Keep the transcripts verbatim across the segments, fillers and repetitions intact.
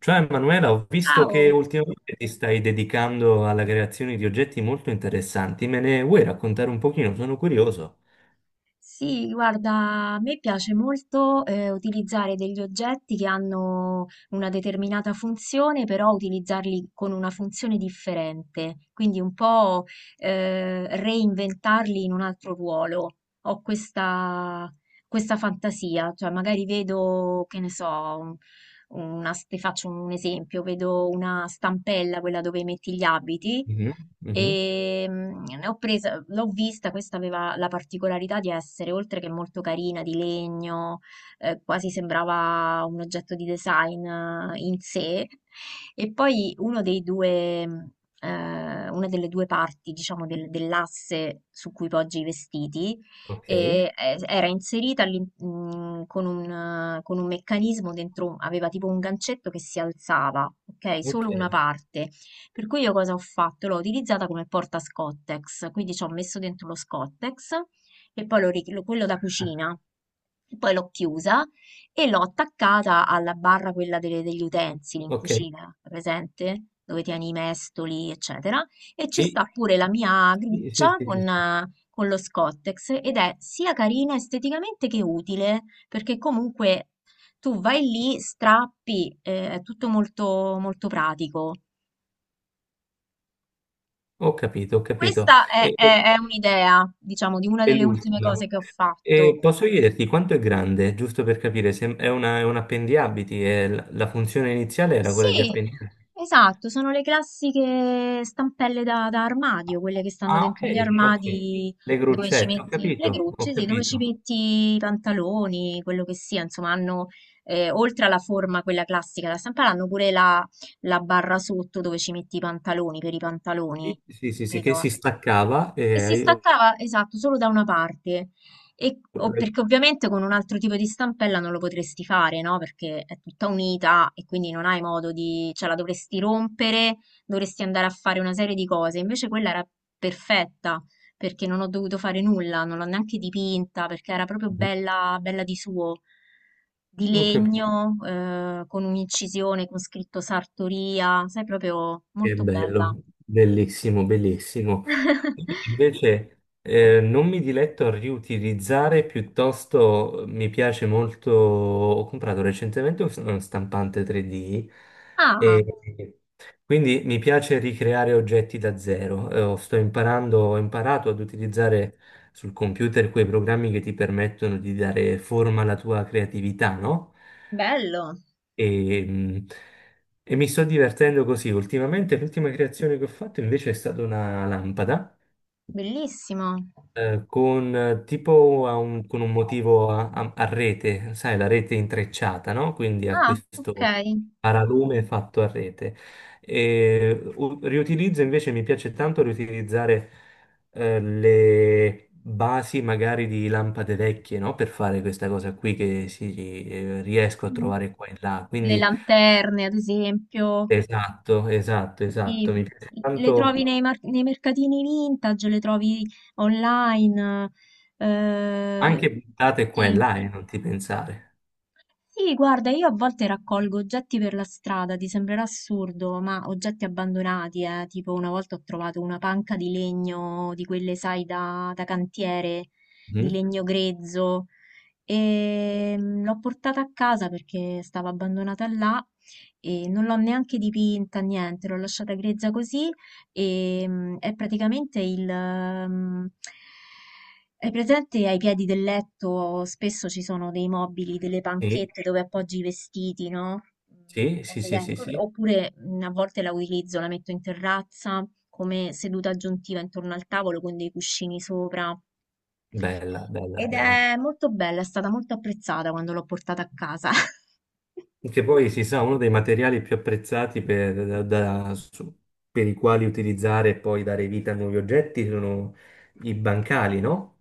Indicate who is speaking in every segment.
Speaker 1: Ciao Emanuela, ho visto che
Speaker 2: Ciao!
Speaker 1: ultimamente ti stai dedicando alla creazione di oggetti molto interessanti. Me ne vuoi raccontare un pochino? Sono curioso.
Speaker 2: Sì, guarda, a me piace molto eh, utilizzare degli oggetti che hanno una determinata funzione, però utilizzarli con una funzione differente, quindi un po' eh, reinventarli in un altro ruolo. Ho questa, questa fantasia, cioè magari vedo, che ne so, un- una, s- ti faccio un esempio, vedo una stampella, quella dove metti gli abiti.
Speaker 1: Mhm, mhm.
Speaker 2: E mm, ne ho presa, l'ho vista, questa aveva la particolarità di essere, oltre che molto carina, di legno, eh, quasi sembrava un oggetto di design eh, in sé. E poi uno dei due, mm, eh, una delle due parti, diciamo, del- dell'asse su cui poggi i vestiti,
Speaker 1: Ok,
Speaker 2: e, eh, era inserita all'in- mm, con un, eh, con un meccanismo dentro, aveva tipo un gancetto che si alzava, ok?
Speaker 1: ok,
Speaker 2: Solo una parte. Per cui io cosa ho fatto? L'ho utilizzata come porta Scottex, quindi ci ho messo dentro lo Scottex e poi l'ho ri- lo- quello da cucina. E Poi l'ho chiusa e l'ho attaccata alla barra quella delle- degli utensili in
Speaker 1: ok.
Speaker 2: cucina, presente? Dove tieni i mestoli, eccetera. E ci
Speaker 1: Sì,
Speaker 2: sta pure la mia
Speaker 1: sì, sì,
Speaker 2: gruccia
Speaker 1: sì,
Speaker 2: con,
Speaker 1: sì, sì.
Speaker 2: eh, con lo Scottex ed è sia carina esteticamente che utile, perché comunque tu vai lì, strappi, eh, è tutto molto, molto pratico.
Speaker 1: Ho capito, ho capito.
Speaker 2: Questa è,
Speaker 1: E, e-
Speaker 2: è- è un'idea, diciamo, di una
Speaker 1: e
Speaker 2: delle ultime
Speaker 1: l'ultima.
Speaker 2: cose che ho
Speaker 1: E
Speaker 2: fatto.
Speaker 1: posso chiederti quanto è grande, giusto per capire, se è, una- è un appendiabiti, è la, la funzione iniziale era quella di
Speaker 2: Sì,
Speaker 1: appendiabiti.
Speaker 2: esatto, sono le classiche stampelle da, da armadio, quelle che stanno
Speaker 1: Ah,
Speaker 2: dentro gli
Speaker 1: ok, ok.
Speaker 2: armadi
Speaker 1: Le
Speaker 2: dove ci
Speaker 1: gruccette, ho
Speaker 2: metti le
Speaker 1: capito, ho
Speaker 2: grucce, sì, dove ci
Speaker 1: capito.
Speaker 2: metti i pantaloni, quello che sia, insomma, hanno, eh, oltre alla forma, quella classica da stampare, hanno pure la, la barra sotto dove ci metti i pantaloni per i pantaloni,
Speaker 1: Sì, sì, sì, che
Speaker 2: capito?
Speaker 1: si staccava
Speaker 2: E si
Speaker 1: e io-
Speaker 2: staccava, esatto, solo da una parte. E, o- perché ovviamente con un altro tipo di stampella non lo potresti fare, no? Perché è tutta unita e quindi non hai modo di, cioè la dovresti rompere, dovresti andare a fare una serie di cose. Invece quella era perfetta perché non ho dovuto fare nulla, non l'ho neanche dipinta perché era proprio bella, bella di suo, di
Speaker 1: Oh, che
Speaker 2: legno, eh, con un'incisione con scritto Sartoria, sai, proprio
Speaker 1: che
Speaker 2: molto bella.
Speaker 1: bello, bellissimo, bellissimo. Invece eh, non mi diletto a riutilizzare, piuttosto mi piace molto, ho comprato recentemente un uno stampante tre D
Speaker 2: Ah,
Speaker 1: e quindi mi piace ricreare oggetti da zero. Eh, sto imparando, ho imparato ad utilizzare sul computer quei programmi che ti permettono di dare forma alla tua creatività, no?
Speaker 2: bello.
Speaker 1: E, mh, e mi sto divertendo così. Ultimamente l'ultima creazione che ho fatto invece è stata una lampada
Speaker 2: Bellissimo.
Speaker 1: eh, con eh, tipo a un, con un motivo a, a- a rete, sai, la rete intrecciata, no? Quindi a
Speaker 2: Ah, ok.
Speaker 1: questo paralume fatto a rete. E, u- riutilizzo invece, mi piace tanto riutilizzare eh, le basi magari di lampade vecchie, no? Per fare questa cosa qui che si, eh, riesco a
Speaker 2: Mm.
Speaker 1: trovare qua e là.
Speaker 2: Le
Speaker 1: Quindi
Speaker 2: lanterne, ad esempio,
Speaker 1: esatto, esatto,
Speaker 2: sì.
Speaker 1: esatto, mi piace
Speaker 2: Le trovi
Speaker 1: tanto
Speaker 2: nei, mar- nei mercatini vintage, le trovi online.
Speaker 1: anche
Speaker 2: eh,
Speaker 1: buttate qua e
Speaker 2: sì.
Speaker 1: là e non ti pensare.
Speaker 2: Sì, guarda, io a volte raccolgo oggetti per la strada, ti sembrerà assurdo, ma oggetti abbandonati, eh. Tipo una volta ho trovato una panca di legno, di quelle, sai, da, da cantiere, di
Speaker 1: Mhm.
Speaker 2: legno grezzo. E mm, l'ho portata a casa perché stava abbandonata là e non l'ho neanche dipinta, niente, l'ho lasciata grezza così. E mm, è praticamente il... mm, Hai presente ai piedi del letto spesso ci sono dei mobili, delle
Speaker 1: Sì.
Speaker 2: panchette dove appoggi i vestiti, no? Mm,
Speaker 1: Sì, sì,
Speaker 2: Cose
Speaker 1: sì,
Speaker 2: del-
Speaker 1: sì, sì,
Speaker 2: Oppure mm, a volte la utilizzo, la metto in terrazza come seduta aggiuntiva intorno al tavolo con dei cuscini sopra.
Speaker 1: bella, bella,
Speaker 2: Ed
Speaker 1: bella.
Speaker 2: è molto bella, è stata molto apprezzata quando l'ho portata a casa.
Speaker 1: Che poi si sa, uno dei materiali più apprezzati per, da- da- su- per i quali utilizzare e poi dare vita a nuovi oggetti sono i bancali, no?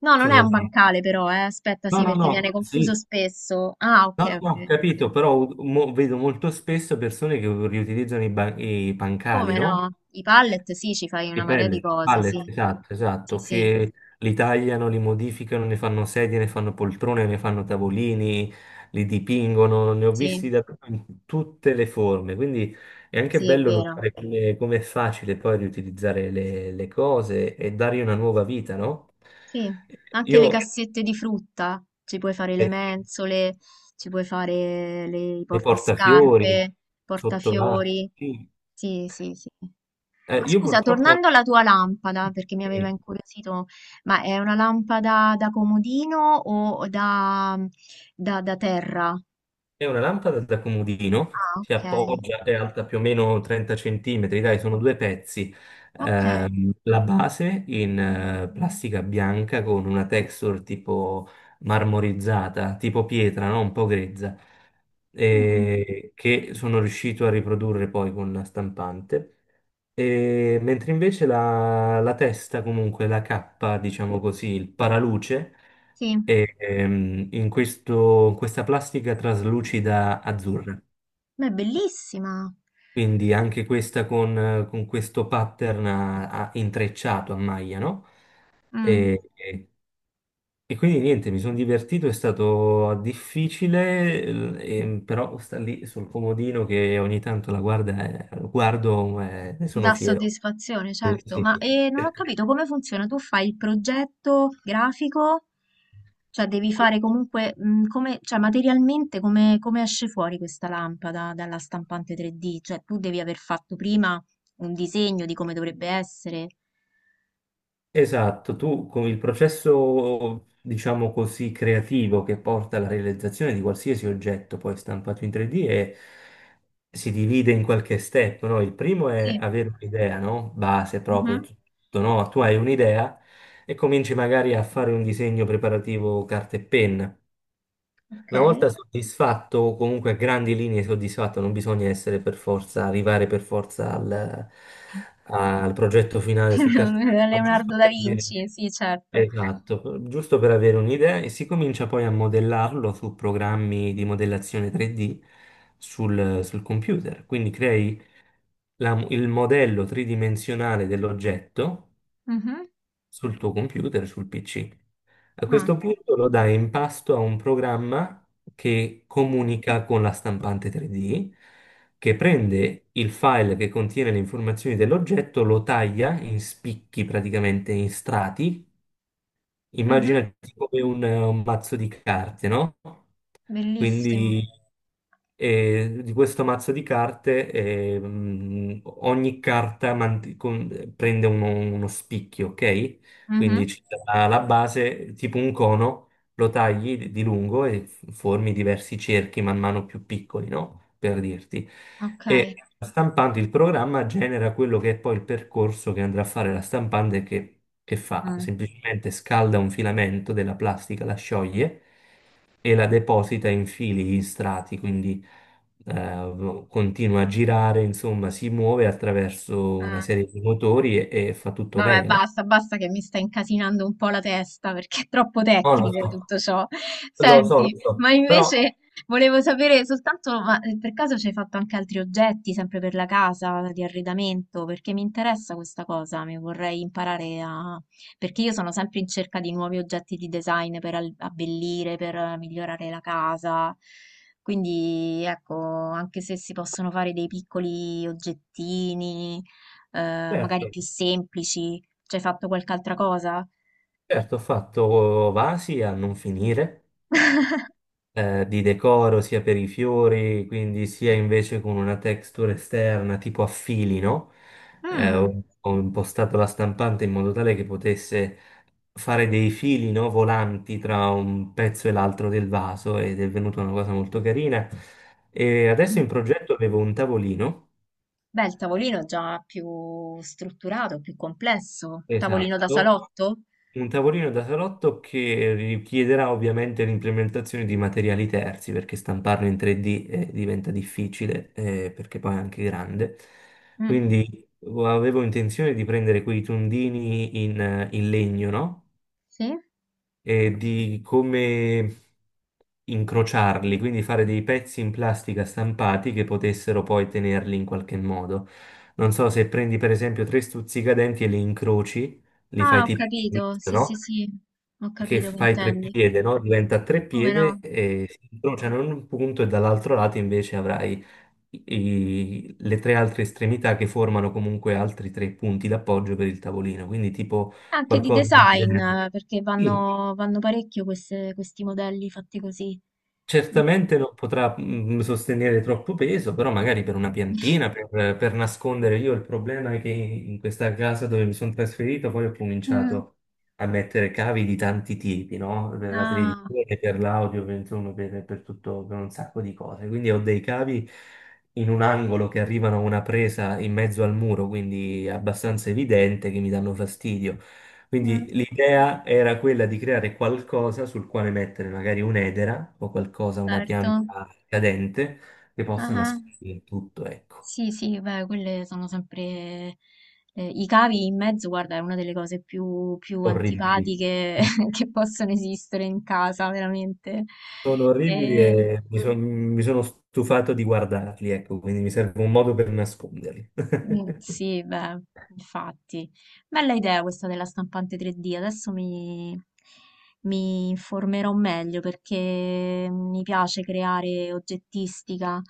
Speaker 2: No, non è un
Speaker 1: Sono.
Speaker 2: bancale però, eh. Aspetta,
Speaker 1: No,
Speaker 2: sì,
Speaker 1: no,
Speaker 2: perché viene
Speaker 1: no, sì,
Speaker 2: confuso spesso. Ah, ok,
Speaker 1: no, no, no, ho
Speaker 2: ok.
Speaker 1: capito, però mo- vedo molto spesso persone che riutilizzano i, ban- i pancali,
Speaker 2: Come
Speaker 1: no?
Speaker 2: no? I pallet, sì, ci fai una
Speaker 1: Di
Speaker 2: marea di
Speaker 1: pellet,
Speaker 2: cose, sì.
Speaker 1: pallet, esatto,
Speaker 2: Sì,
Speaker 1: esatto,
Speaker 2: sì,
Speaker 1: che li tagliano, li modificano, ne fanno sedie, ne fanno poltrone, ne fanno tavolini, li dipingono, ne ho
Speaker 2: sì,
Speaker 1: visti da in tutte le forme, quindi è anche
Speaker 2: sì, è
Speaker 1: bello
Speaker 2: vero.
Speaker 1: notare come, come è facile poi riutilizzare le, le cose e dargli una nuova vita, no?
Speaker 2: Sì, anche le
Speaker 1: Io,
Speaker 2: cassette di frutta, ci puoi fare le
Speaker 1: eh,
Speaker 2: mensole, ci puoi fare le, i
Speaker 1: le portafiori,
Speaker 2: portascarpe,
Speaker 1: sottovasi,
Speaker 2: portafiori.
Speaker 1: sì.
Speaker 2: Sì, sì, sì.
Speaker 1: Eh,
Speaker 2: Ma
Speaker 1: io
Speaker 2: scusa,
Speaker 1: purtroppo.
Speaker 2: tornando alla tua lampada, perché mi aveva incuriosito, ma è una lampada da comodino o da, da- da terra?
Speaker 1: È una lampada da comodino,
Speaker 2: Ah,
Speaker 1: si
Speaker 2: ok,
Speaker 1: appoggia, è alta più o meno trenta centimetri, dai, sono due pezzi.
Speaker 2: ok.
Speaker 1: Ehm, la base in eh, plastica bianca con una texture tipo marmorizzata, tipo pietra, no? Un po' grezza,
Speaker 2: Mm,
Speaker 1: e che sono riuscito a riprodurre poi con la stampante. E mentre invece la, la testa, comunque la cappa, diciamo così, il paraluce
Speaker 2: Sì, ma
Speaker 1: e, ehm, in questo- in questa plastica traslucida azzurra.
Speaker 2: è bellissima.
Speaker 1: Quindi anche questa con, eh, con questo pattern a- a- intrecciato a maglia, no?
Speaker 2: Mm.
Speaker 1: E, e- e quindi niente, mi sono divertito, è stato difficile, l- e- però sta lì sul comodino che ogni tanto la guarda, eh, guardo, eh, ne sono
Speaker 2: Dà
Speaker 1: fiero.
Speaker 2: soddisfazione,
Speaker 1: Sì,
Speaker 2: certo,
Speaker 1: sì.
Speaker 2: ma eh, non ho capito come funziona. Tu fai il progetto grafico, cioè devi fare comunque, mh, come, cioè materialmente come, come esce fuori questa lampada dalla stampante tre D? Cioè tu devi aver fatto prima un disegno di come dovrebbe essere.
Speaker 1: Esatto, tu con il processo, diciamo così, creativo che porta alla realizzazione di qualsiasi oggetto poi stampato in tre D è- si divide in qualche step, no? Il primo è
Speaker 2: Sì.
Speaker 1: avere un'idea, no? Base proprio,
Speaker 2: Mhm.
Speaker 1: tutto, no? Tu hai un'idea e cominci magari a fare un disegno preparativo carta e penna.
Speaker 2: Ok.
Speaker 1: Una volta soddisfatto, o comunque a grandi linee soddisfatto, non bisogna essere per forza, arrivare per forza al, al progetto finale su carta e penna, ma
Speaker 2: Leonardo
Speaker 1: giusto
Speaker 2: da
Speaker 1: per vedere.
Speaker 2: Vinci, sì, certo.
Speaker 1: Esatto, per- giusto per avere un'idea e si comincia poi a modellarlo su programmi di modellazione tre D sul, sul computer. Quindi crei la- il modello tridimensionale dell'oggetto
Speaker 2: Mhm.
Speaker 1: sul tuo computer, sul P C. A
Speaker 2: Ah.
Speaker 1: questo punto lo dai in pasto a un programma che comunica con la stampante tre D, che prende il file che contiene le informazioni dell'oggetto, lo taglia in spicchi praticamente in strati.
Speaker 2: Mhm.
Speaker 1: Immaginati come un, un mazzo di carte, no?
Speaker 2: Bellissimo.
Speaker 1: Quindi eh, di questo mazzo di carte eh, mh, ogni carta mant- con- prende uno, uno spicchio, ok? Quindi
Speaker 2: Mhm.
Speaker 1: c'è la base, tipo un cono, lo tagli di di lungo e formi diversi cerchi man mano più piccoli, no? Per dirti.
Speaker 2: Ok.
Speaker 1: E stampando il programma genera quello che è poi il percorso che andrà a fare la stampante che, che fa,
Speaker 2: Mm.
Speaker 1: semplicemente scalda un filamento della plastica, la scioglie e la deposita in fili, in strati, quindi eh, continua a girare, insomma, si muove attraverso
Speaker 2: Eh,
Speaker 1: una serie di motori e, e fa tutto
Speaker 2: Vabbè,
Speaker 1: lei. Alla-
Speaker 2: basta, basta che mi sta incasinando un po' la testa perché è troppo
Speaker 1: No, lo
Speaker 2: tecnico
Speaker 1: so,
Speaker 2: tutto ciò.
Speaker 1: lo so, lo
Speaker 2: Senti,
Speaker 1: so,
Speaker 2: ma
Speaker 1: però
Speaker 2: invece volevo sapere soltanto, ma eh, per caso ci hai fatto anche altri oggetti, sempre per la casa, di arredamento? Perché mi interessa questa cosa, mi vorrei imparare a. Perché io sono sempre in cerca di nuovi oggetti di design per al- abbellire, per eh, migliorare la casa. Quindi, ecco, anche se si possono fare dei piccoli oggettini eh, magari
Speaker 1: certo.
Speaker 2: più semplici? Ci hai fatto qualche altra cosa?
Speaker 1: Certo, ho fatto vasi a non finire, eh, di decoro sia per i fiori, quindi sia invece con una texture esterna tipo a fili, no? Eh,
Speaker 2: Mm,
Speaker 1: ho, ho impostato la stampante in modo tale che potesse fare dei fili, no, volanti tra un pezzo e l'altro del vaso ed è venuta una cosa molto carina. E adesso in progetto avevo un tavolino.
Speaker 2: Beh, il tavolino già più strutturato, più complesso. Tavolino da
Speaker 1: Esatto.
Speaker 2: salotto?
Speaker 1: Un tavolino da salotto che richiederà ovviamente l'implementazione di materiali terzi, perché stamparlo in tre D eh, diventa difficile, eh, perché poi è anche grande.
Speaker 2: Mm,
Speaker 1: Quindi vo- avevo intenzione di prendere quei tondini in, eh, in legno, no?
Speaker 2: Sì?
Speaker 1: E di come incrociarli, quindi fare dei pezzi in plastica stampati che potessero poi tenerli in qualche modo. Non so se prendi per esempio tre stuzzicadenti e li incroci, li
Speaker 2: Ah,
Speaker 1: fai
Speaker 2: ho
Speaker 1: tipo,
Speaker 2: capito. Sì, sì,
Speaker 1: no?
Speaker 2: sì. Ho
Speaker 1: Che
Speaker 2: capito che
Speaker 1: fai tre
Speaker 2: intendi.
Speaker 1: piede, no? Diventa tre
Speaker 2: Come
Speaker 1: piede
Speaker 2: no?
Speaker 1: e si incrociano in un punto e dall'altro lato invece avrai i- i- le tre altre estremità che formano comunque altri tre punti d'appoggio per il tavolino, quindi tipo
Speaker 2: Anche di
Speaker 1: qualcosa del
Speaker 2: design,
Speaker 1: genere.
Speaker 2: eh, perché
Speaker 1: Sì,
Speaker 2: vanno, vanno parecchio queste- questi modelli fatti così. Mm.
Speaker 1: certamente non potrà mm, sostenere troppo peso, però magari per una piantina, per, per nascondere. Io il problema è che in questa casa dove mi sono trasferito poi ho
Speaker 2: Mm.
Speaker 1: cominciato a mettere cavi di tanti tipi, no? Per la
Speaker 2: Ah,
Speaker 1: televisione, per l'audio, per, insomma, per, per tutto, per un sacco di cose. Quindi ho dei cavi in un angolo che arrivano a una presa in mezzo al muro, quindi è abbastanza evidente che mi danno fastidio. Quindi
Speaker 2: mm,
Speaker 1: l'idea era quella di creare qualcosa sul quale mettere magari un'edera o qualcosa, una
Speaker 2: certo.
Speaker 1: pianta cadente che possa
Speaker 2: Ah.
Speaker 1: nascondere tutto, ecco.
Speaker 2: Sì, sì, beh, quelle sono sempre. Eh, i cavi in mezzo, guarda, è una delle cose più, più
Speaker 1: Orribili.
Speaker 2: antipatiche che possono esistere in casa, veramente.
Speaker 1: Sono orribili
Speaker 2: E-
Speaker 1: e mi, Mm. son- mi sono stufato di guardarli, ecco, quindi mi serve un modo per nasconderli.
Speaker 2: Mm, sì, beh, infatti. Bella idea questa della stampante tre D. Adesso mi, mi informerò meglio perché mi piace creare oggettistica.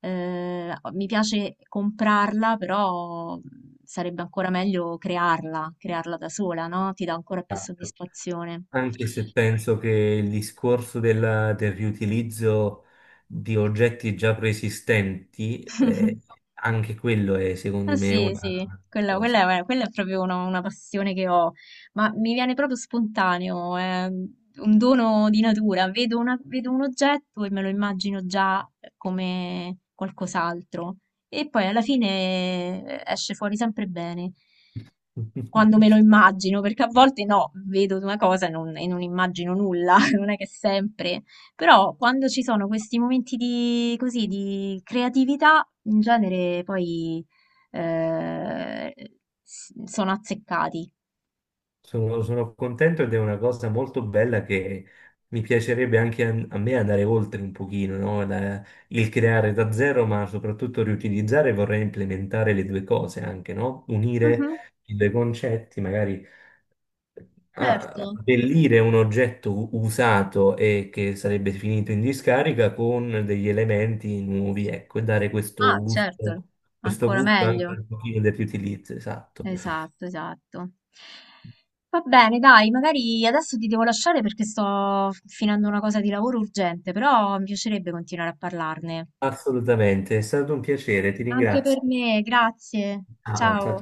Speaker 2: eh, mi piace comprarla, però mm, sarebbe ancora meglio crearla, crearla da sola, no? Ti dà ancora più
Speaker 1: Esatto.
Speaker 2: soddisfazione.
Speaker 1: Anche se penso che il discorso della- del riutilizzo di oggetti già preesistenti, eh, anche quello è
Speaker 2: Ah,
Speaker 1: secondo me
Speaker 2: Sì,
Speaker 1: una
Speaker 2: sì, quella,
Speaker 1: cosa.
Speaker 2: quella è, quella è proprio una, una passione che ho, ma mi viene proprio spontaneo, è un dono di natura. Vedo, una- vedo un oggetto e me lo immagino già eh, come qualcos'altro e poi alla fine eh, esce fuori sempre bene quando me lo immagino, perché a volte no, vedo una cosa e non, e non immagino nulla, non è che sempre, però quando ci sono questi momenti di, così, di creatività, in genere poi eh, s- sono azzeccati.
Speaker 1: Sono, sono contento ed è una cosa molto bella che mi piacerebbe anche a, a me andare oltre un pochino, no? La- il creare da zero, ma soprattutto riutilizzare, vorrei implementare le due cose anche, no? Unire
Speaker 2: Mhm,
Speaker 1: i due concetti, magari a-
Speaker 2: certo.
Speaker 1: abbellire un oggetto u- usato e che sarebbe finito in discarica con degli elementi nuovi, ecco, e dare questo
Speaker 2: Ah, certo,
Speaker 1: gusto, questo
Speaker 2: ancora
Speaker 1: gusto anche
Speaker 2: meglio.
Speaker 1: un pochino del riutilizzo, esatto.
Speaker 2: Esatto, esatto. Va bene, dai, magari adesso ti devo lasciare perché sto finendo una cosa di lavoro urgente, però mi piacerebbe continuare a parlarne.
Speaker 1: Assolutamente, è stato un piacere, ti
Speaker 2: Anche per
Speaker 1: ringrazio.
Speaker 2: me, grazie.
Speaker 1: Ciao, ciao.
Speaker 2: Ciao.